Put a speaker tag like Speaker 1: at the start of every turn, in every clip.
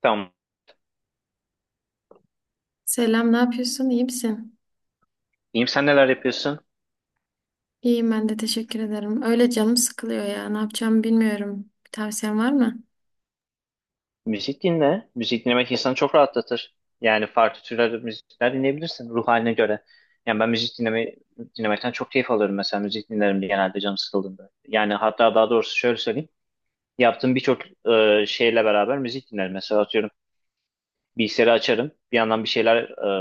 Speaker 1: Tamam.
Speaker 2: Selam, ne yapıyorsun? İyi misin?
Speaker 1: İyiyim, sen neler yapıyorsun?
Speaker 2: İyiyim ben de teşekkür ederim. Öyle canım sıkılıyor ya. Ne yapacağımı bilmiyorum. Bir tavsiyen var mı?
Speaker 1: Müzik dinle. Müzik dinlemek insanı çok rahatlatır. Yani farklı türler müzikler dinleyebilirsin ruh haline göre. Yani ben müzik dinlemekten çok keyif alıyorum mesela. Müzik dinlerim genelde canım sıkıldığında. Yani hatta daha doğrusu şöyle söyleyeyim. Yaptığım birçok şeyle beraber müzik dinlerim. Mesela atıyorum bilgisayarı açarım. Bir yandan bir şeyler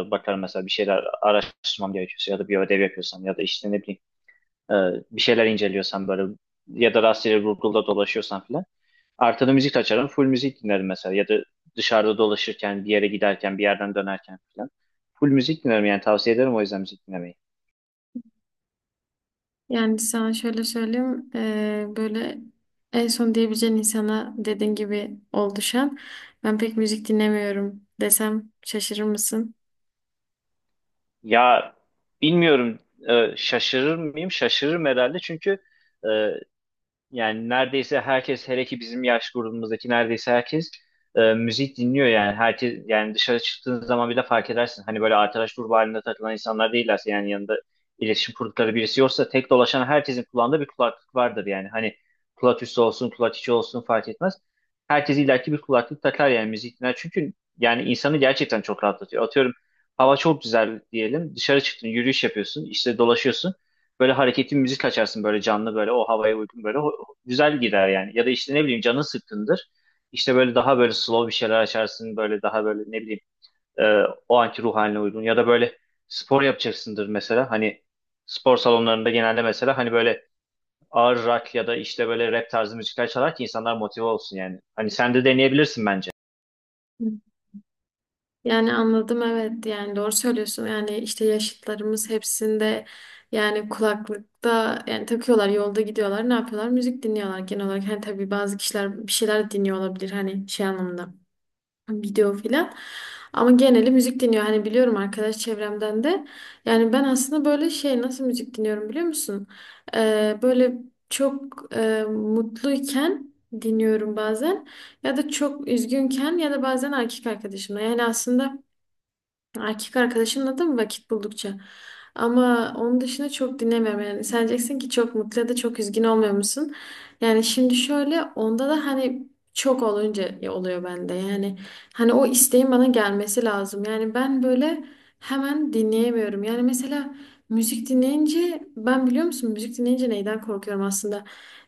Speaker 1: bakarım mesela. Bir şeyler araştırmam gerekiyorsa ya da bir ödev yapıyorsam ya da işte ne bileyim, e, bir şeyler inceliyorsam böyle ya da rastgele Google'da dolaşıyorsam filan. Arkada müzik açarım. Full müzik dinlerim mesela. Ya da dışarıda dolaşırken, bir yere giderken, bir yerden dönerken falan. Full müzik dinlerim yani tavsiye ederim o yüzden müzik dinlemeyi.
Speaker 2: Yani sana şöyle söyleyeyim. Böyle en son diyebileceğin insana dediğin gibi ol düşen. Ben pek müzik dinlemiyorum desem şaşırır mısın?
Speaker 1: Ya bilmiyorum, şaşırır mıyım? Şaşırırım herhalde çünkü e, yani neredeyse herkes, hele ki bizim yaş grubumuzdaki neredeyse herkes müzik dinliyor, yani herkes. Yani dışarı çıktığın zaman bile fark edersin. Hani böyle arkadaş grubu halinde takılan insanlar değillerse, yani yanında iletişim kurdukları birisi yoksa, tek dolaşan herkesin kulağında bir kulaklık vardır yani. Hani kulak üstü olsun, kulak içi olsun fark etmez. Herkes illaki bir kulaklık takar yani, müzik dinler. Çünkü yani insanı gerçekten çok rahatlatıyor. Atıyorum, hava çok güzel diyelim, dışarı çıktın, yürüyüş yapıyorsun, işte dolaşıyorsun. Böyle hareketli müzik açarsın, böyle canlı, böyle o havaya uygun, böyle güzel gider yani. Ya da işte ne bileyim, canın sıkkındır. İşte böyle daha böyle slow bir şeyler açarsın. Böyle daha böyle, ne bileyim, e, o anki ruh haline uygun. Ya da böyle spor yapacaksındır mesela. Hani spor salonlarında genelde mesela hani böyle ağır rock ya da işte böyle rap tarzı müzikler çalar ki insanlar motive olsun yani. Hani sen de deneyebilirsin bence.
Speaker 2: Yani anladım, evet, yani doğru söylüyorsun, yani işte yaşıtlarımız hepsinde yani kulaklıkta yani takıyorlar, yolda gidiyorlar, ne yapıyorlar, müzik dinliyorlar genel olarak. Hani tabii bazı kişiler bir şeyler dinliyor olabilir, hani şey anlamında, video filan. Ama geneli müzik dinliyor, hani biliyorum arkadaş çevremden de. Yani ben aslında böyle şey, nasıl müzik dinliyorum biliyor musun? Böyle çok mutluyken dinliyorum bazen, ya da çok üzgünken ya da bazen erkek arkadaşımla. Yani aslında erkek arkadaşımla da mı vakit buldukça? Ama onun dışında çok dinlemiyorum yani. Sen diyeceksin ki çok mutlu ya da çok üzgün olmuyor musun? Yani şimdi şöyle, onda da hani çok olunca oluyor bende. Yani hani o isteğin bana gelmesi lazım. Yani ben böyle hemen dinleyemiyorum. Yani mesela müzik dinleyince ben, biliyor musun, müzik dinleyince neyden korkuyorum aslında?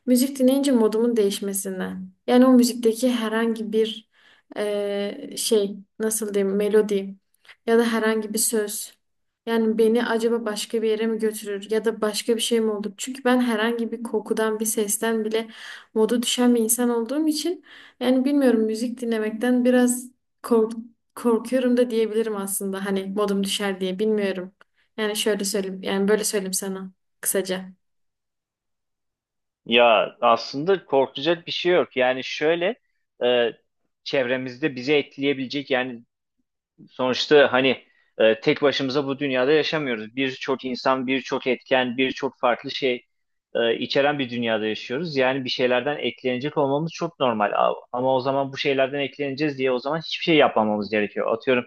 Speaker 2: Müzik dinleyince modumun değişmesinden. Yani o müzikteki herhangi bir şey, nasıl diyeyim, melodi ya da herhangi bir söz. Yani beni acaba başka bir yere mi götürür ya da başka bir şey mi olur? Çünkü ben herhangi bir kokudan, bir sesten bile modu düşen bir insan olduğum için, yani bilmiyorum, müzik dinlemekten biraz kork korkuyorum da diyebilirim aslında. Hani modum düşer diye, bilmiyorum. Yani şöyle söyleyeyim, yani böyle söyleyeyim sana kısaca.
Speaker 1: Ya aslında korkacak bir şey yok. Yani şöyle, e, çevremizde bizi etkileyebilecek yani, sonuçta hani tek başımıza bu dünyada yaşamıyoruz. Birçok insan, birçok etken, birçok farklı şey içeren bir dünyada yaşıyoruz. Yani bir şeylerden etkilenecek olmamız çok normal. Ama o zaman, bu şeylerden etkileneceğiz diye o zaman hiçbir şey yapmamamız gerekiyor. Atıyorum,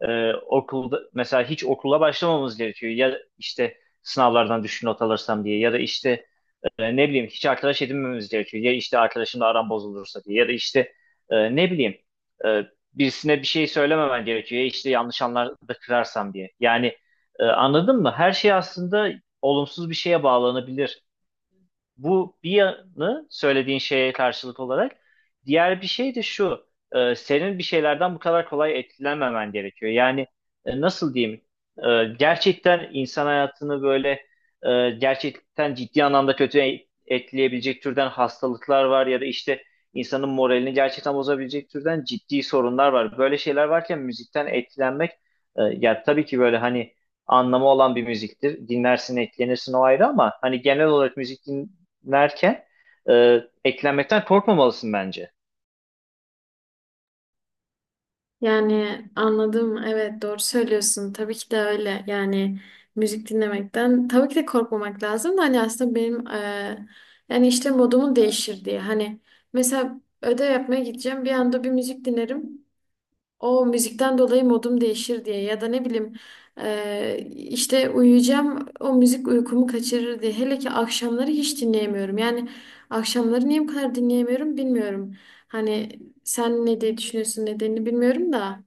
Speaker 1: okulda mesela hiç okula başlamamamız gerekiyor. Ya işte sınavlardan düşük not alırsam diye, ya da işte ne bileyim, hiç arkadaş edinmemiz gerekiyor. Ya işte arkadaşımla aram bozulursa diye, ya da işte ne bileyim, e, birisine bir şey söylememen gerekiyor. Ya işte yanlış anlarda kırarsam diye. Yani anladın mı? Her şey aslında olumsuz bir şeye bağlanabilir. Bu bir yanı söylediğin şeye karşılık olarak. Diğer bir şey de şu. Senin bir şeylerden bu kadar kolay etkilenmemen gerekiyor. Yani nasıl diyeyim? Gerçekten insan hayatını böyle gerçekten ciddi anlamda kötü etkileyebilecek türden hastalıklar var ya da işte insanın moralini gerçekten bozabilecek türden ciddi sorunlar var. Böyle şeyler varken müzikten etkilenmek, ya tabii ki böyle hani anlamı olan bir müziktir. Dinlersin, etkilenirsin, o ayrı, ama hani genel olarak müzik derken eklenmekten korkmamalısın bence.
Speaker 2: Yani anladım. Evet, doğru söylüyorsun. Tabii ki de öyle. Yani müzik dinlemekten tabii ki de korkmamak lazım da hani aslında benim yani işte modumu değişir diye. Hani mesela ödev yapmaya gideceğim bir anda bir müzik dinlerim. O müzikten dolayı modum değişir diye, ya da ne bileyim, işte uyuyacağım, o müzik uykumu kaçırır diye. Hele ki akşamları hiç dinleyemiyorum. Yani akşamları niye bu kadar dinleyemiyorum bilmiyorum. Hani sen ne diye düşünüyorsun, nedenini bilmiyorum da.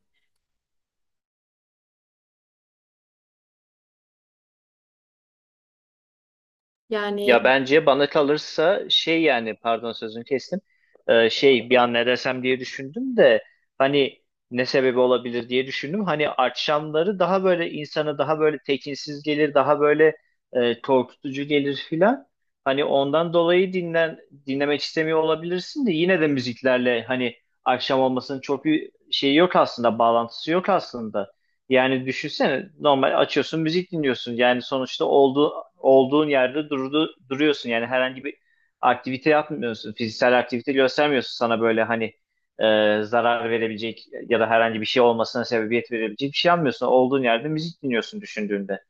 Speaker 1: Ya
Speaker 2: Yani
Speaker 1: bence, bana kalırsa şey, yani pardon sözünü kestim. Şey, bir an ne desem diye düşündüm de hani ne sebebi olabilir diye düşündüm. Hani akşamları daha böyle insana daha böyle tekinsiz gelir, daha böyle korkutucu gelir filan. Hani ondan dolayı dinlemek istemiyor olabilirsin, de yine de müziklerle hani akşam olmasının çok bir şeyi yok aslında, bağlantısı yok aslında. Yani düşünsene, normal açıyorsun, müzik dinliyorsun. Yani sonuçta olduğun yerde duruyorsun. Yani herhangi bir aktivite yapmıyorsun. Fiziksel aktivite göstermiyorsun, sana böyle hani zarar verebilecek ya da herhangi bir şey olmasına sebebiyet verebilecek bir şey yapmıyorsun. Olduğun yerde müzik dinliyorsun düşündüğünde.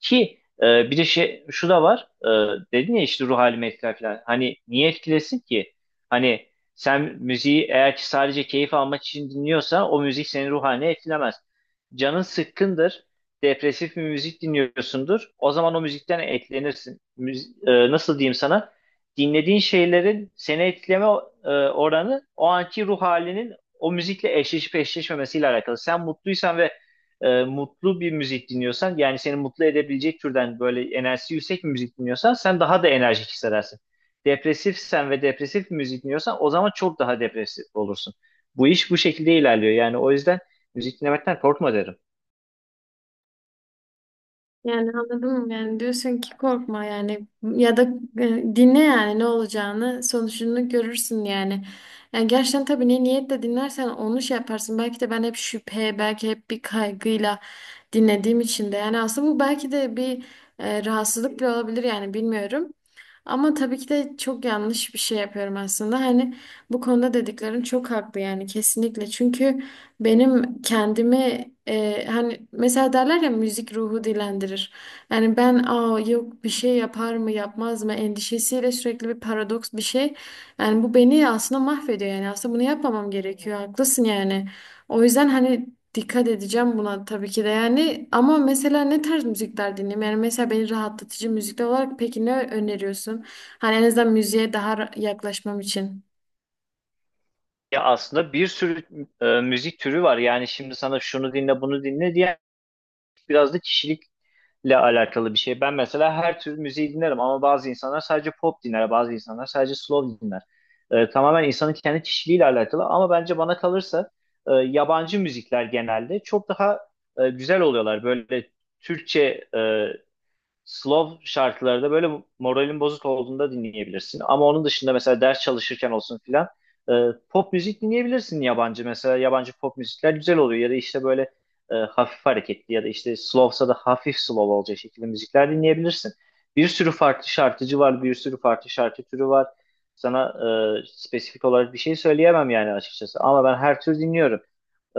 Speaker 1: Ki bir de şey, şu da var. Dedin ya işte ruh halimi etkiler falan. Hani niye etkilesin ki? Hani sen müziği eğer ki sadece keyif almak için dinliyorsan, o müzik senin ruh halini etkilemez. Canın sıkkındır. Depresif bir müzik dinliyorsundur. O zaman o müzikten etkilenirsin. Nasıl diyeyim sana? Dinlediğin şeylerin seni etkileme oranı, o anki ruh halinin o müzikle eşleşip eşleşmemesiyle alakalı. Sen mutluysan ve mutlu bir müzik dinliyorsan, yani seni mutlu edebilecek türden böyle enerjisi yüksek bir müzik dinliyorsan, sen daha da enerjik hissedersin. Depresifsen ve depresif bir müzik dinliyorsan, o zaman çok daha depresif olursun. Bu iş bu şekilde ilerliyor. Yani o yüzden müzik dinlemekten korkma derim.
Speaker 2: yani anladın mı? Yani diyorsun ki korkma, yani ya da dinle, yani ne olacağını sonucunu görürsün yani. Yani gerçekten tabii ne niyetle dinlersen onu şey yaparsın. Belki de ben hep şüphe, belki hep bir kaygıyla dinlediğim için de, yani aslında bu belki de bir rahatsızlık bile olabilir yani, bilmiyorum. Ama tabii ki de çok yanlış bir şey yapıyorum aslında. Hani bu konuda dediklerin çok haklı yani, kesinlikle. Çünkü benim kendimi hani mesela derler ya, müzik ruhu dilendirir. Yani ben, aa yok, bir şey yapar mı yapmaz mı endişesiyle sürekli bir paradoks bir şey. Yani bu beni aslında mahvediyor, yani aslında bunu yapmamam gerekiyor. Haklısın yani. O yüzden hani dikkat edeceğim buna tabii ki de yani, ama mesela ne tarz müzikler dinleyeyim? Yani mesela beni rahatlatıcı müzikler olarak peki ne öneriyorsun? Hani en azından müziğe daha yaklaşmam için.
Speaker 1: Ya aslında bir sürü müzik türü var. Yani şimdi sana şunu dinle, bunu dinle diye, biraz da kişilikle alakalı bir şey. Ben mesela her tür müziği dinlerim, ama bazı insanlar sadece pop dinler, bazı insanlar sadece slow dinler. Tamamen insanın kendi kişiliğiyle alakalı, ama bence bana kalırsa yabancı müzikler genelde çok daha güzel oluyorlar. Böyle Türkçe slow şarkılarda böyle moralin bozuk olduğunda dinleyebilirsin. Ama onun dışında mesela ders çalışırken olsun filan, e, pop müzik dinleyebilirsin yabancı. Mesela yabancı pop müzikler güzel oluyor, ya da işte böyle hafif hareketli, ya da işte slowsa da hafif slow olacak şekilde müzikler dinleyebilirsin. Bir sürü farklı şarkıcı var, bir sürü farklı şarkı türü var. Sana spesifik olarak bir şey söyleyemem yani, açıkçası. Ama ben her tür dinliyorum.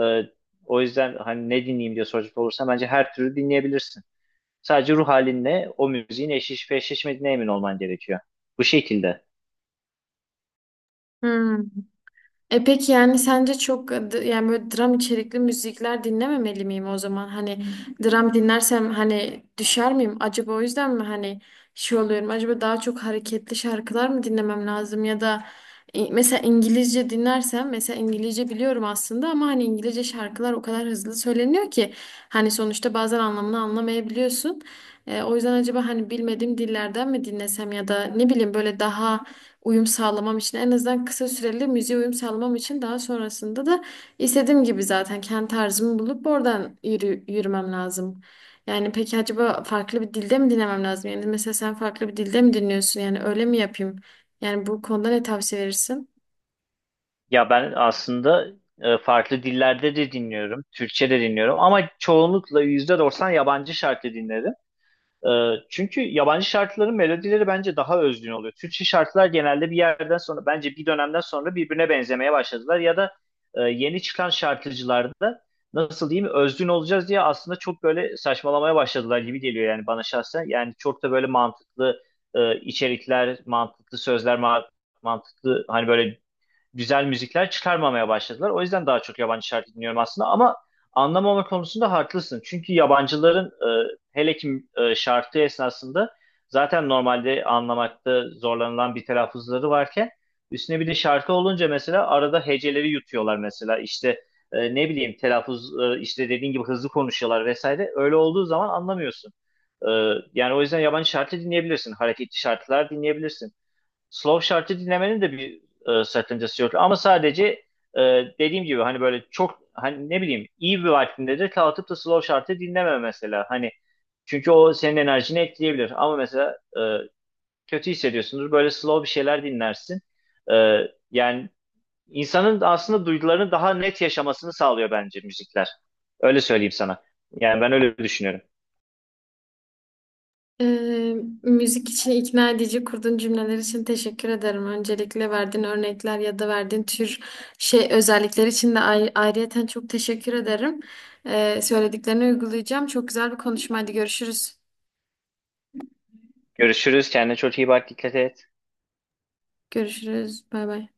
Speaker 1: E, O yüzden hani ne dinleyeyim diye soracak olursa, bence her türü dinleyebilirsin. Sadece ruh halinle o müziğin eşleşip eşleşmediğine emin olman gerekiyor. Bu şekilde.
Speaker 2: Hmm. E peki, yani sence çok yani böyle dram içerikli müzikler dinlememeli miyim o zaman? Hani dram dinlersem hani düşer miyim? Acaba o yüzden mi hani şey oluyorum? Acaba daha çok hareketli şarkılar mı dinlemem lazım, ya da mesela İngilizce dinlersem, mesela İngilizce biliyorum aslında ama hani İngilizce şarkılar o kadar hızlı söyleniyor ki hani sonuçta bazen anlamını anlamayabiliyorsun. O yüzden acaba hani bilmediğim dillerden mi dinlesem, ya da ne bileyim, böyle daha uyum sağlamam için, en azından kısa süreli müziğe uyum sağlamam için, daha sonrasında da istediğim gibi zaten kendi tarzımı bulup oradan yürümem lazım. Yani peki acaba farklı bir dilde mi dinlemem lazım? Yani mesela sen farklı bir dilde mi dinliyorsun? Yani öyle mi yapayım? Yani bu konuda ne tavsiye verirsin?
Speaker 1: Ya ben aslında farklı dillerde de dinliyorum. Türkçe de dinliyorum. Ama çoğunlukla %90 yabancı şarkı dinlerim. Çünkü yabancı şarkıların melodileri bence daha özgün oluyor. Türkçe şarkılar genelde bir yerden sonra, bence bir dönemden sonra birbirine benzemeye başladılar, ya da yeni çıkan şarkıcılarda, nasıl diyeyim, özgün olacağız diye aslında çok böyle saçmalamaya başladılar gibi geliyor yani bana şahsen. Yani çok da böyle mantıklı içerikler, mantıklı sözler, mantıklı, hani böyle güzel müzikler çıkarmamaya başladılar. O yüzden daha çok yabancı şarkı dinliyorum aslında, ama anlamama konusunda haklısın. Çünkü yabancıların hele ki şarkı esnasında, zaten normalde anlamakta zorlanılan bir telaffuzları varken, üstüne bir de şarkı olunca mesela arada heceleri yutuyorlar mesela, işte ne bileyim, işte dediğin gibi hızlı konuşuyorlar vesaire. Öyle olduğu zaman anlamıyorsun. E, Yani o yüzden yabancı şarkı dinleyebilirsin. Hareketli şarkılar dinleyebilirsin. Slow şarkı dinlemenin de bir sakıncası yok. Ama sadece, e, dediğim gibi hani, böyle çok hani ne bileyim, iyi bir vaktinde de kalkıp da slow şarkı dinleme mesela. Hani çünkü o senin enerjini etkileyebilir. Ama mesela kötü hissediyorsundur. Böyle slow bir şeyler dinlersin. E, Yani insanın aslında duygularını daha net yaşamasını sağlıyor bence müzikler. Öyle söyleyeyim sana. Yani ben öyle düşünüyorum.
Speaker 2: Ee, Müzik için ikna edici kurduğun cümleler için teşekkür ederim. Öncelikle verdiğin örnekler ya da verdiğin tür şey özellikler için de ayrıyeten çok teşekkür ederim. Söylediklerini uygulayacağım. Çok güzel bir konuşmaydı. Görüşürüz.
Speaker 1: Görüşürüz. Kendine çok iyi bak. Dikkat et.
Speaker 2: Görüşürüz. Bay bay.